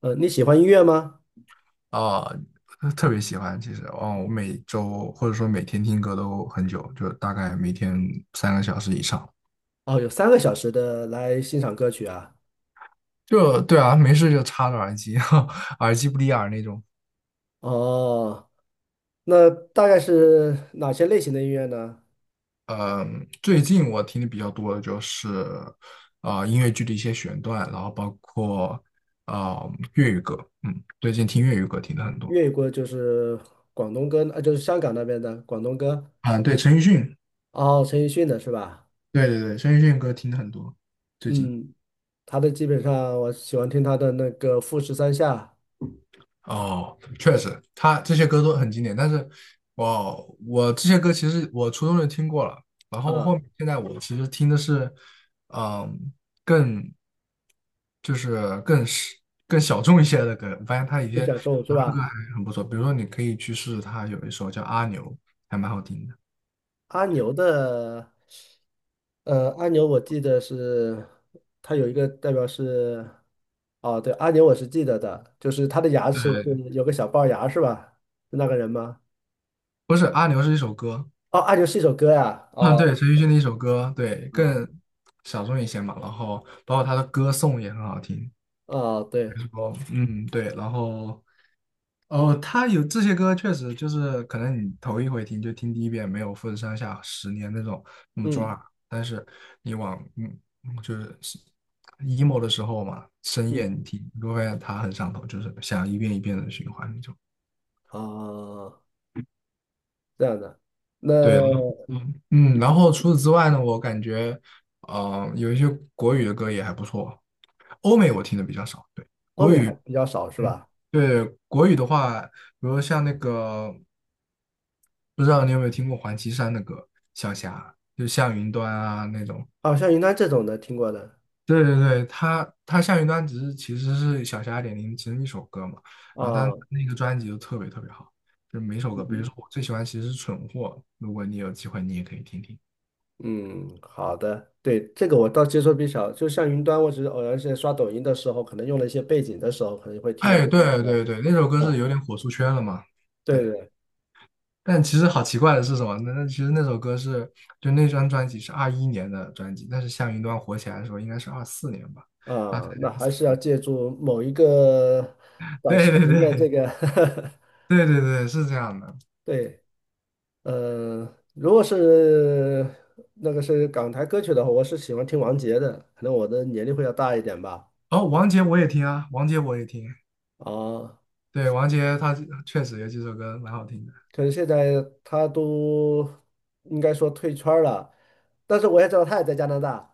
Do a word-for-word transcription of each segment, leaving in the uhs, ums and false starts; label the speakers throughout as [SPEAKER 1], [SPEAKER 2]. [SPEAKER 1] 呃，你喜欢音乐吗？
[SPEAKER 2] 啊，特别喜欢。其实，哦，我每周或者说每天听歌都很久，就大概每天三个小时以上。
[SPEAKER 1] 哦，有三个小时的来欣赏歌曲啊。
[SPEAKER 2] 就对啊，没事就插着耳机，耳机不离耳那种。
[SPEAKER 1] 哦，那大概是哪些类型的音乐呢？
[SPEAKER 2] 嗯，最近我听的比较多的就是啊、呃音乐剧的一些选段，然后包括啊、呃粤语歌。嗯，最近听粤语歌听的很多。
[SPEAKER 1] 粤语歌就是广东歌，呃，就是香港那边的广东歌。
[SPEAKER 2] 啊，对，陈奕迅，
[SPEAKER 1] 哦，陈奕迅的是吧？
[SPEAKER 2] 对对对，陈奕迅歌听的很多，最近。
[SPEAKER 1] 嗯，他的基本上我喜欢听他的那个《富士山下》
[SPEAKER 2] 哦，确实，他这些歌都很经典，但是我我这些歌其实我初中就听过了，然后后
[SPEAKER 1] 啊，
[SPEAKER 2] 面现在我其实听的是，嗯，更就是更是更小众一些的歌，我发现他一些
[SPEAKER 1] 《月
[SPEAKER 2] 原
[SPEAKER 1] 享受》是
[SPEAKER 2] 唱歌
[SPEAKER 1] 吧？
[SPEAKER 2] 还很不错，比如说你可以去试试他有一首叫《阿牛》，还蛮好听的，
[SPEAKER 1] 阿牛的，呃，阿牛我记得是它有一个代表是，哦，对，阿牛我是记得的，就是他的牙齿就是有个小龅牙是吧？是那个人吗？
[SPEAKER 2] 不是《阿牛》是一首歌，
[SPEAKER 1] 哦，阿牛是一首歌呀，
[SPEAKER 2] 嗯，
[SPEAKER 1] 哦，
[SPEAKER 2] 对，陈奕迅的一首歌，对，
[SPEAKER 1] 哦，
[SPEAKER 2] 更小众一些嘛，然后包括他的歌颂也很好听，比
[SPEAKER 1] 哦，对，
[SPEAKER 2] 如说嗯对，然后。哦，他有这些歌，确实就是可能你头一回听就听第一遍，没有富士山下十年那种那么
[SPEAKER 1] 嗯
[SPEAKER 2] 抓，但是你往嗯嗯就是是 emo 的时候嘛，深夜
[SPEAKER 1] 嗯，
[SPEAKER 2] 你听，你会发现它很上头，就是想一遍一遍的循环那种。
[SPEAKER 1] 哦，这样的，那
[SPEAKER 2] 对，嗯嗯，然后除此之外呢，我感觉呃有一些国语的歌也还不错，欧美我听的比较少，对。
[SPEAKER 1] 欧美还比较少是
[SPEAKER 2] 嗯，
[SPEAKER 1] 吧？
[SPEAKER 2] 对，国语的话，比如像那个不知道你有没有听过黄绮珊的歌《小霞》，就向云端啊那种。
[SPEAKER 1] 哦，像云南这种的听过的，
[SPEAKER 2] 对对对，他他向云端只是其实是小霞二点零其中一首歌嘛，然后他
[SPEAKER 1] 哦，
[SPEAKER 2] 那个专辑就特别特别好，就每首
[SPEAKER 1] 嗯
[SPEAKER 2] 歌，比如
[SPEAKER 1] 嗯
[SPEAKER 2] 说我最喜欢其实是《蠢货》，如果你有机会你也可以听听。
[SPEAKER 1] 嗯，好的，对，这个我倒接受比较，少，就像云端，我只是偶然间刷抖音的时候，可能用了一些背景的时候，可能会听到这
[SPEAKER 2] 哎，
[SPEAKER 1] 首
[SPEAKER 2] 对对对，那首歌
[SPEAKER 1] 歌
[SPEAKER 2] 是
[SPEAKER 1] 啊，
[SPEAKER 2] 有点火出圈了嘛，
[SPEAKER 1] 对
[SPEAKER 2] 对。
[SPEAKER 1] 对
[SPEAKER 2] 但其实好奇怪的是什么？那那其实那首歌是就那张专辑是二一年的专辑，但是向云端火起来的时候应该是二四年吧，二三
[SPEAKER 1] 啊，那还是要
[SPEAKER 2] 年。
[SPEAKER 1] 借助某一个短
[SPEAKER 2] 对
[SPEAKER 1] 视
[SPEAKER 2] 对
[SPEAKER 1] 频的这
[SPEAKER 2] 对，
[SPEAKER 1] 个
[SPEAKER 2] 对对对，是这样的。
[SPEAKER 1] 对，呃，如果是那个是港台歌曲的话，我是喜欢听王杰的，可能我的年龄会要大一点吧，
[SPEAKER 2] 哦，王杰我也听啊，王杰我也听。
[SPEAKER 1] 啊，
[SPEAKER 2] 对，王杰他确实有几首歌蛮好听的
[SPEAKER 1] 可是现在他都应该说退圈儿了，但是我也知道他也在加拿大。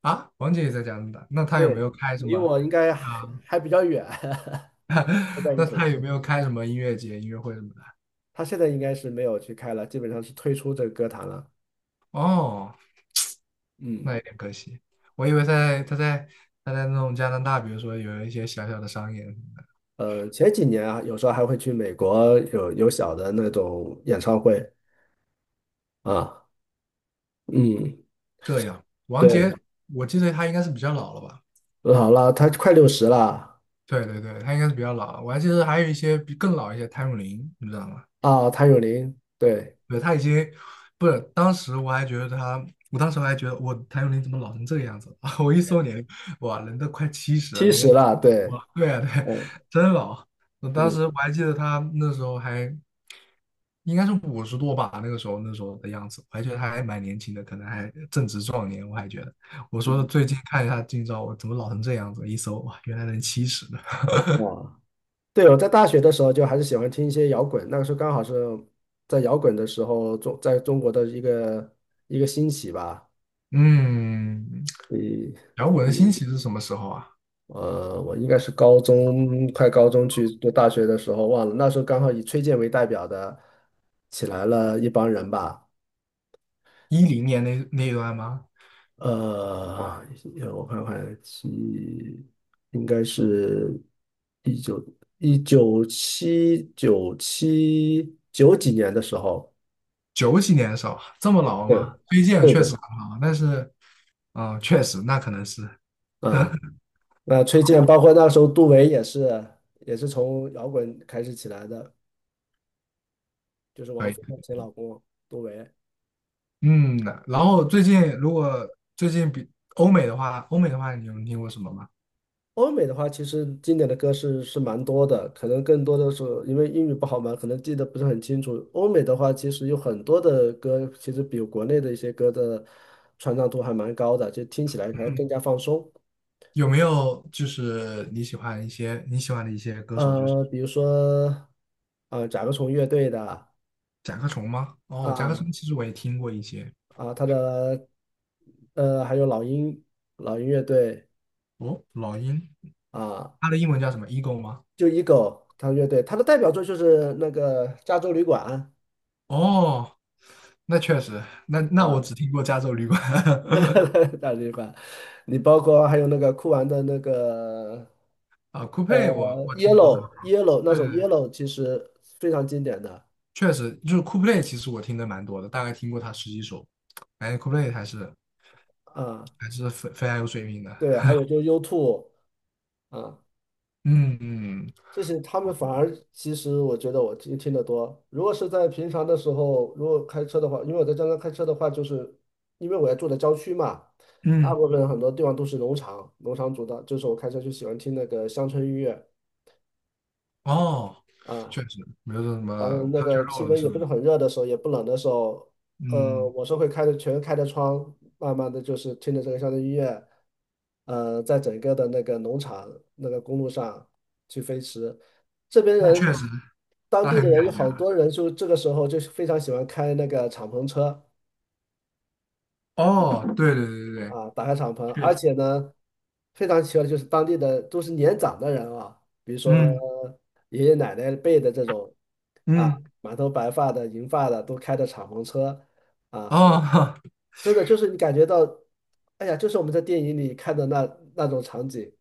[SPEAKER 2] 啊。王杰也在加拿大，那他有没
[SPEAKER 1] 对，
[SPEAKER 2] 有开什
[SPEAKER 1] 离
[SPEAKER 2] 么
[SPEAKER 1] 我应该还
[SPEAKER 2] 啊？
[SPEAKER 1] 还比较远，在一 个
[SPEAKER 2] 那
[SPEAKER 1] 城
[SPEAKER 2] 他有
[SPEAKER 1] 市。
[SPEAKER 2] 没有开什么音乐节、音乐会什么的？
[SPEAKER 1] 他现在应该是没有去开了，基本上是退出这个歌坛了。
[SPEAKER 2] 哦，
[SPEAKER 1] 嗯，
[SPEAKER 2] 那有点可惜。我以为在他在他在那种加拿大，比如说有一些小小的商演什么的。
[SPEAKER 1] 呃，前几年啊，有时候还会去美国有有小的那种演唱会啊。嗯，
[SPEAKER 2] 这样，王杰，
[SPEAKER 1] 对，
[SPEAKER 2] 我记得他应该是比较老了吧？
[SPEAKER 1] 好了，他快六十了
[SPEAKER 2] 对对对，他应该是比较老了。我还记得还有一些比更老一些，谭咏麟，你知道吗？
[SPEAKER 1] 啊，谭咏麟，对，
[SPEAKER 2] 对，他已经不是，当时我还觉得他，我当时还觉得我谭咏麟怎么老成这个样子啊？我一搜年龄，哇，人都快七十了，
[SPEAKER 1] 七
[SPEAKER 2] 人
[SPEAKER 1] 十
[SPEAKER 2] 家
[SPEAKER 1] 了，对，
[SPEAKER 2] 哇，对啊，对，
[SPEAKER 1] 嗯
[SPEAKER 2] 真老。我当时我
[SPEAKER 1] 嗯，
[SPEAKER 2] 还记得他那时候还应该是五十多吧，那个时候那时候的样子，我还觉得他还蛮年轻的，可能还正值壮年。我还觉得，我说最近看一下近照，我怎么老成这样子？一搜哇，原来人七十的。
[SPEAKER 1] 哇，对，我在大学的时候就还是喜欢听一些摇滚，那个时候刚好是在摇滚的时候中在中国的一个一个兴起吧。
[SPEAKER 2] 嗯，摇滚的兴起是什么时候啊？
[SPEAKER 1] 呃，我应该是高中，快高中去读大学的时候忘了，那时候刚好以崔健为代表的起来了一帮人吧。
[SPEAKER 2] 一零年那那一段吗？
[SPEAKER 1] 呃，我看看，七，应该是一九一九七九七九几年的时候，
[SPEAKER 2] 九几年的时候，这么老
[SPEAKER 1] 对，
[SPEAKER 2] 吗？推荐
[SPEAKER 1] 对
[SPEAKER 2] 确实
[SPEAKER 1] 对，
[SPEAKER 2] 很好，但是，啊、确实那可能是
[SPEAKER 1] 啊、那崔健包括那时候杜维也是，也是从摇滚开始起来的，就是王
[SPEAKER 2] 可以。
[SPEAKER 1] 菲的前老公杜维。
[SPEAKER 2] 嗯，然后最近如果最近比欧美的话，欧美的话，你有听过什么吗？
[SPEAKER 1] 欧美的话，其实经典的歌是是蛮多的，可能更多的是因为英语不好嘛，可能记得不是很清楚。欧美的话，其实有很多的歌，其实比国内的一些歌的传唱度还蛮高的，就听起来还更加放松。
[SPEAKER 2] 有没有就是你喜欢一些你喜欢的一些歌手，就是
[SPEAKER 1] 呃，比如说，啊，甲壳虫乐队的
[SPEAKER 2] 甲壳虫吗？哦，甲壳
[SPEAKER 1] 啊
[SPEAKER 2] 虫其实我也听过一些。
[SPEAKER 1] 啊，他的呃，还有老鹰老鹰乐队
[SPEAKER 2] 哦，老鹰，
[SPEAKER 1] 啊，
[SPEAKER 2] 它的英文叫什么？Eagle 吗？
[SPEAKER 1] 就 Eagle 他乐队，他的代表作就是那个《加州旅馆》
[SPEAKER 2] 哦，那确实，那那我
[SPEAKER 1] 啊。
[SPEAKER 2] 只听过加州旅馆
[SPEAKER 1] 大嘴巴，你包括还有那个酷玩的那个
[SPEAKER 2] 啊，酷
[SPEAKER 1] 呃
[SPEAKER 2] 配我我听过很
[SPEAKER 1] Yellow Yellow 那
[SPEAKER 2] 多。
[SPEAKER 1] 首 Yellow 其实非常经典的
[SPEAKER 2] 确实，就是 c o l p l a y 其实我听的蛮多的，大概听过他十几首。感觉 o l d p l a y 还是
[SPEAKER 1] 啊，
[SPEAKER 2] 还是非非常有水平的。
[SPEAKER 1] 对，还有就是 u o 啊，
[SPEAKER 2] 嗯嗯
[SPEAKER 1] 这些他们反而其实我觉得我听听得多。如果是在平常的时候，如果开车的话，因为我在江南开车的话，就是因为我要住在郊区嘛，大
[SPEAKER 2] 嗯，
[SPEAKER 1] 部分很多地方都是农场，农场主的，就是我开车就喜欢听那个乡村音乐。
[SPEAKER 2] 哦，
[SPEAKER 1] 啊。
[SPEAKER 2] 确实，没有说什么
[SPEAKER 1] 当然那
[SPEAKER 2] 他
[SPEAKER 1] 个
[SPEAKER 2] o
[SPEAKER 1] 气
[SPEAKER 2] 肉了
[SPEAKER 1] 温
[SPEAKER 2] 是
[SPEAKER 1] 也
[SPEAKER 2] 不
[SPEAKER 1] 不
[SPEAKER 2] 是？
[SPEAKER 1] 是很热的时候，也不冷的时候，呃，
[SPEAKER 2] 嗯，
[SPEAKER 1] 我是会开着全开着窗，慢慢的就是听着这个乡村音乐，呃，在整个的那个农场那个公路上去飞驰。这边
[SPEAKER 2] 那确
[SPEAKER 1] 人，
[SPEAKER 2] 实，
[SPEAKER 1] 当
[SPEAKER 2] 那
[SPEAKER 1] 地
[SPEAKER 2] 很
[SPEAKER 1] 的人有
[SPEAKER 2] 感
[SPEAKER 1] 好多人就这个时候就是非常喜欢开那个敞篷车。
[SPEAKER 2] 哦，对对对对对，
[SPEAKER 1] 啊，打开敞篷，
[SPEAKER 2] 确
[SPEAKER 1] 而
[SPEAKER 2] 实。
[SPEAKER 1] 且呢，非常奇怪的就是当地的都是年长的人啊，比如说
[SPEAKER 2] 嗯
[SPEAKER 1] 爷爷奶奶辈的这种啊，
[SPEAKER 2] 嗯，
[SPEAKER 1] 满头白发的、银发的都开着敞篷车啊，
[SPEAKER 2] 哦，
[SPEAKER 1] 真的就是你感觉到，哎呀，就是我们在电影里看的那那种场景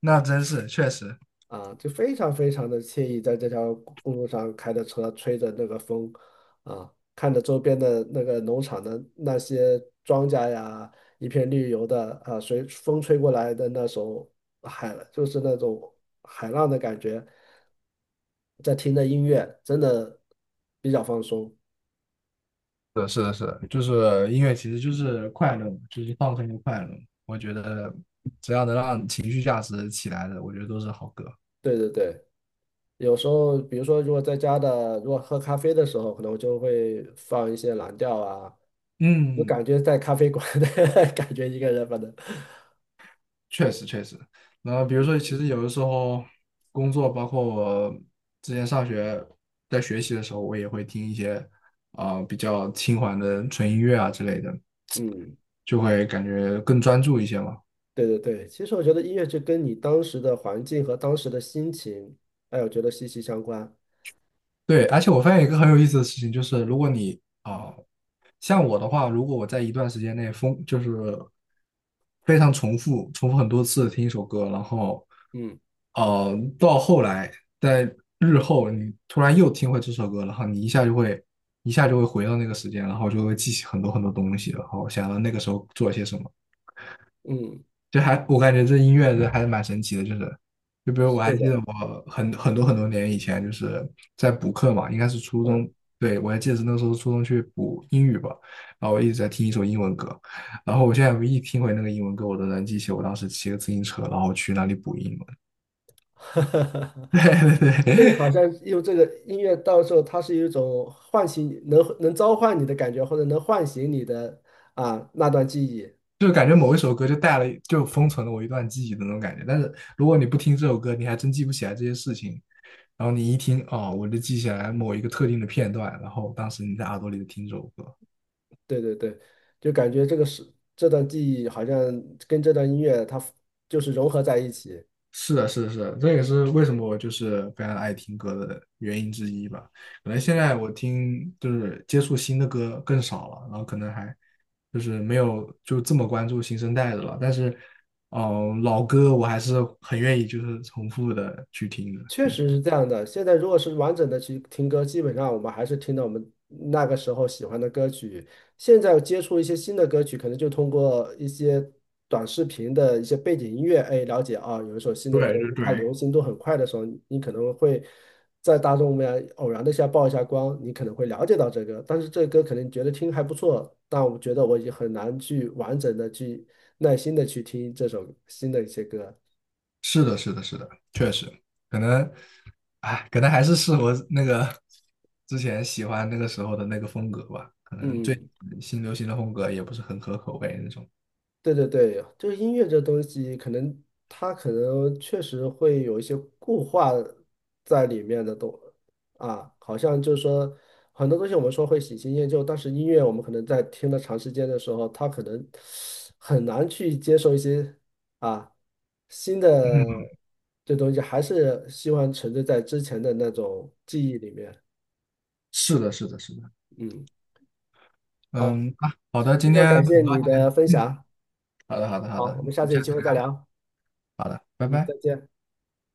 [SPEAKER 2] 那真是确实。
[SPEAKER 1] 啊，就非常非常的惬意，在这条公路上开着车，吹着那个风，啊，看着周边的那个农场的那些庄稼呀，一片绿油的啊，随风吹过来的那首海，就是那种海浪的感觉，在听着音乐，真的比较放松。
[SPEAKER 2] 是的，是的，是的就是音乐其实就是快乐嘛，就是放松和快乐。我觉得只要能让情绪价值起来的，我觉得都是好歌。
[SPEAKER 1] 对对对，有时候比如说如果在家的，如果喝咖啡的时候，可能我就会放一些蓝调啊，就
[SPEAKER 2] 嗯。
[SPEAKER 1] 感觉在咖啡馆的 感觉一个人，反正。
[SPEAKER 2] 确实确实，那比如说，其实有的时候工作，包括我之前上学在学习的时候，我也会听一些啊、比较轻缓的纯音乐啊之类的，
[SPEAKER 1] 嗯，
[SPEAKER 2] 就会感觉更专注一些嘛。
[SPEAKER 1] 对对对，其实我觉得音乐就跟你当时的环境和当时的心情，哎，我觉得息息相关。
[SPEAKER 2] 对，而且我发现一个很有意思的事情，就是如果你啊、像我的话，如果我在一段时间内疯，就是非常重复、重复很多次地听一首歌，然后
[SPEAKER 1] 嗯
[SPEAKER 2] 呃，到后来在日后你突然又听回这首歌，然后你一下就会一下就会回到那个时间，然后就会记起很多很多东西，然后想到那个时候做了些什么。
[SPEAKER 1] 嗯，
[SPEAKER 2] 就还我感觉这音乐这还是蛮神奇的，就是就比
[SPEAKER 1] 呃
[SPEAKER 2] 如我还
[SPEAKER 1] 是
[SPEAKER 2] 记得
[SPEAKER 1] 的，
[SPEAKER 2] 我很很多很多年以前就是在补课嘛，应该是初
[SPEAKER 1] 嗯，
[SPEAKER 2] 中，对，我还记得是那时候初中去补英语吧，然后我一直在听一首英文歌，然后我现在一听回那个英文歌，我都能记起我当时骑个自行车，然后去那里补英文，对对
[SPEAKER 1] 这个
[SPEAKER 2] 对，
[SPEAKER 1] 好像用这个音乐，到时候它是一种唤醒你，能能召唤你的感觉，或者能唤醒你的啊那段记忆。
[SPEAKER 2] 就感觉某一首歌就带了就封存了我一段记忆的那种感觉，但是如果你不听这首歌，你还真记不起来这些事情。然后你一听，哦，我就记起来某一个特定的片段，然后当时你在耳朵里就听这首歌。
[SPEAKER 1] 对对对，就感觉这个是这段记忆好像跟这段音乐它就是融合在一起。
[SPEAKER 2] 是的，是的，是的，这也是为什么我就是非常爱听歌的原因之一吧。可能现在我听就是接触新的歌更少了，然后可能还就是没有就这么关注新生代的了。但是，嗯、老歌我还是很愿意就是重复的去听的。
[SPEAKER 1] 确实是这样的。现在如果是完整的去听歌，基本上我们还是听到我们那个时候喜欢的歌曲。现在接触一些新的歌曲，可能就通过一些短视频的一些背景音乐，哎，了解啊，有一首新的歌，
[SPEAKER 2] 对
[SPEAKER 1] 因
[SPEAKER 2] 对
[SPEAKER 1] 为它
[SPEAKER 2] 对，
[SPEAKER 1] 流行度很快的时候，你可能会在大众面偶然的一下曝一下光，你可能会了解到这个。但是这个歌可能觉得听还不错，但我觉得我已经很难去完整的去耐心的去听这首新的一些歌。
[SPEAKER 2] 是的，是的，是的，确实，可能，哎，可能还是适合那个之前喜欢那个时候的那个风格吧。可能最
[SPEAKER 1] 嗯。
[SPEAKER 2] 新流行的风格也不是很合口味那种。
[SPEAKER 1] 对对对，就是音乐这东西，可能它可能确实会有一些固化在里面的东啊，好像就是说很多东西我们说会喜新厌旧，但是音乐我们可能在听了长时间的时候，它可能很难去接受一些啊新的
[SPEAKER 2] 嗯，
[SPEAKER 1] 这东西，还是希望沉醉在之前的那种记忆里面。
[SPEAKER 2] 是的，是的，是的。
[SPEAKER 1] 嗯，好，
[SPEAKER 2] 嗯啊，好的，今
[SPEAKER 1] 非常
[SPEAKER 2] 天
[SPEAKER 1] 感谢
[SPEAKER 2] 很
[SPEAKER 1] 你
[SPEAKER 2] 高
[SPEAKER 1] 的
[SPEAKER 2] 兴。
[SPEAKER 1] 分享，
[SPEAKER 2] 好的，好的，好
[SPEAKER 1] 好，
[SPEAKER 2] 的，我
[SPEAKER 1] 我
[SPEAKER 2] 们
[SPEAKER 1] 们下次有
[SPEAKER 2] 下
[SPEAKER 1] 机
[SPEAKER 2] 次
[SPEAKER 1] 会
[SPEAKER 2] 再
[SPEAKER 1] 再
[SPEAKER 2] 聊，
[SPEAKER 1] 聊，
[SPEAKER 2] 拜
[SPEAKER 1] 嗯，
[SPEAKER 2] 拜。
[SPEAKER 1] 再见。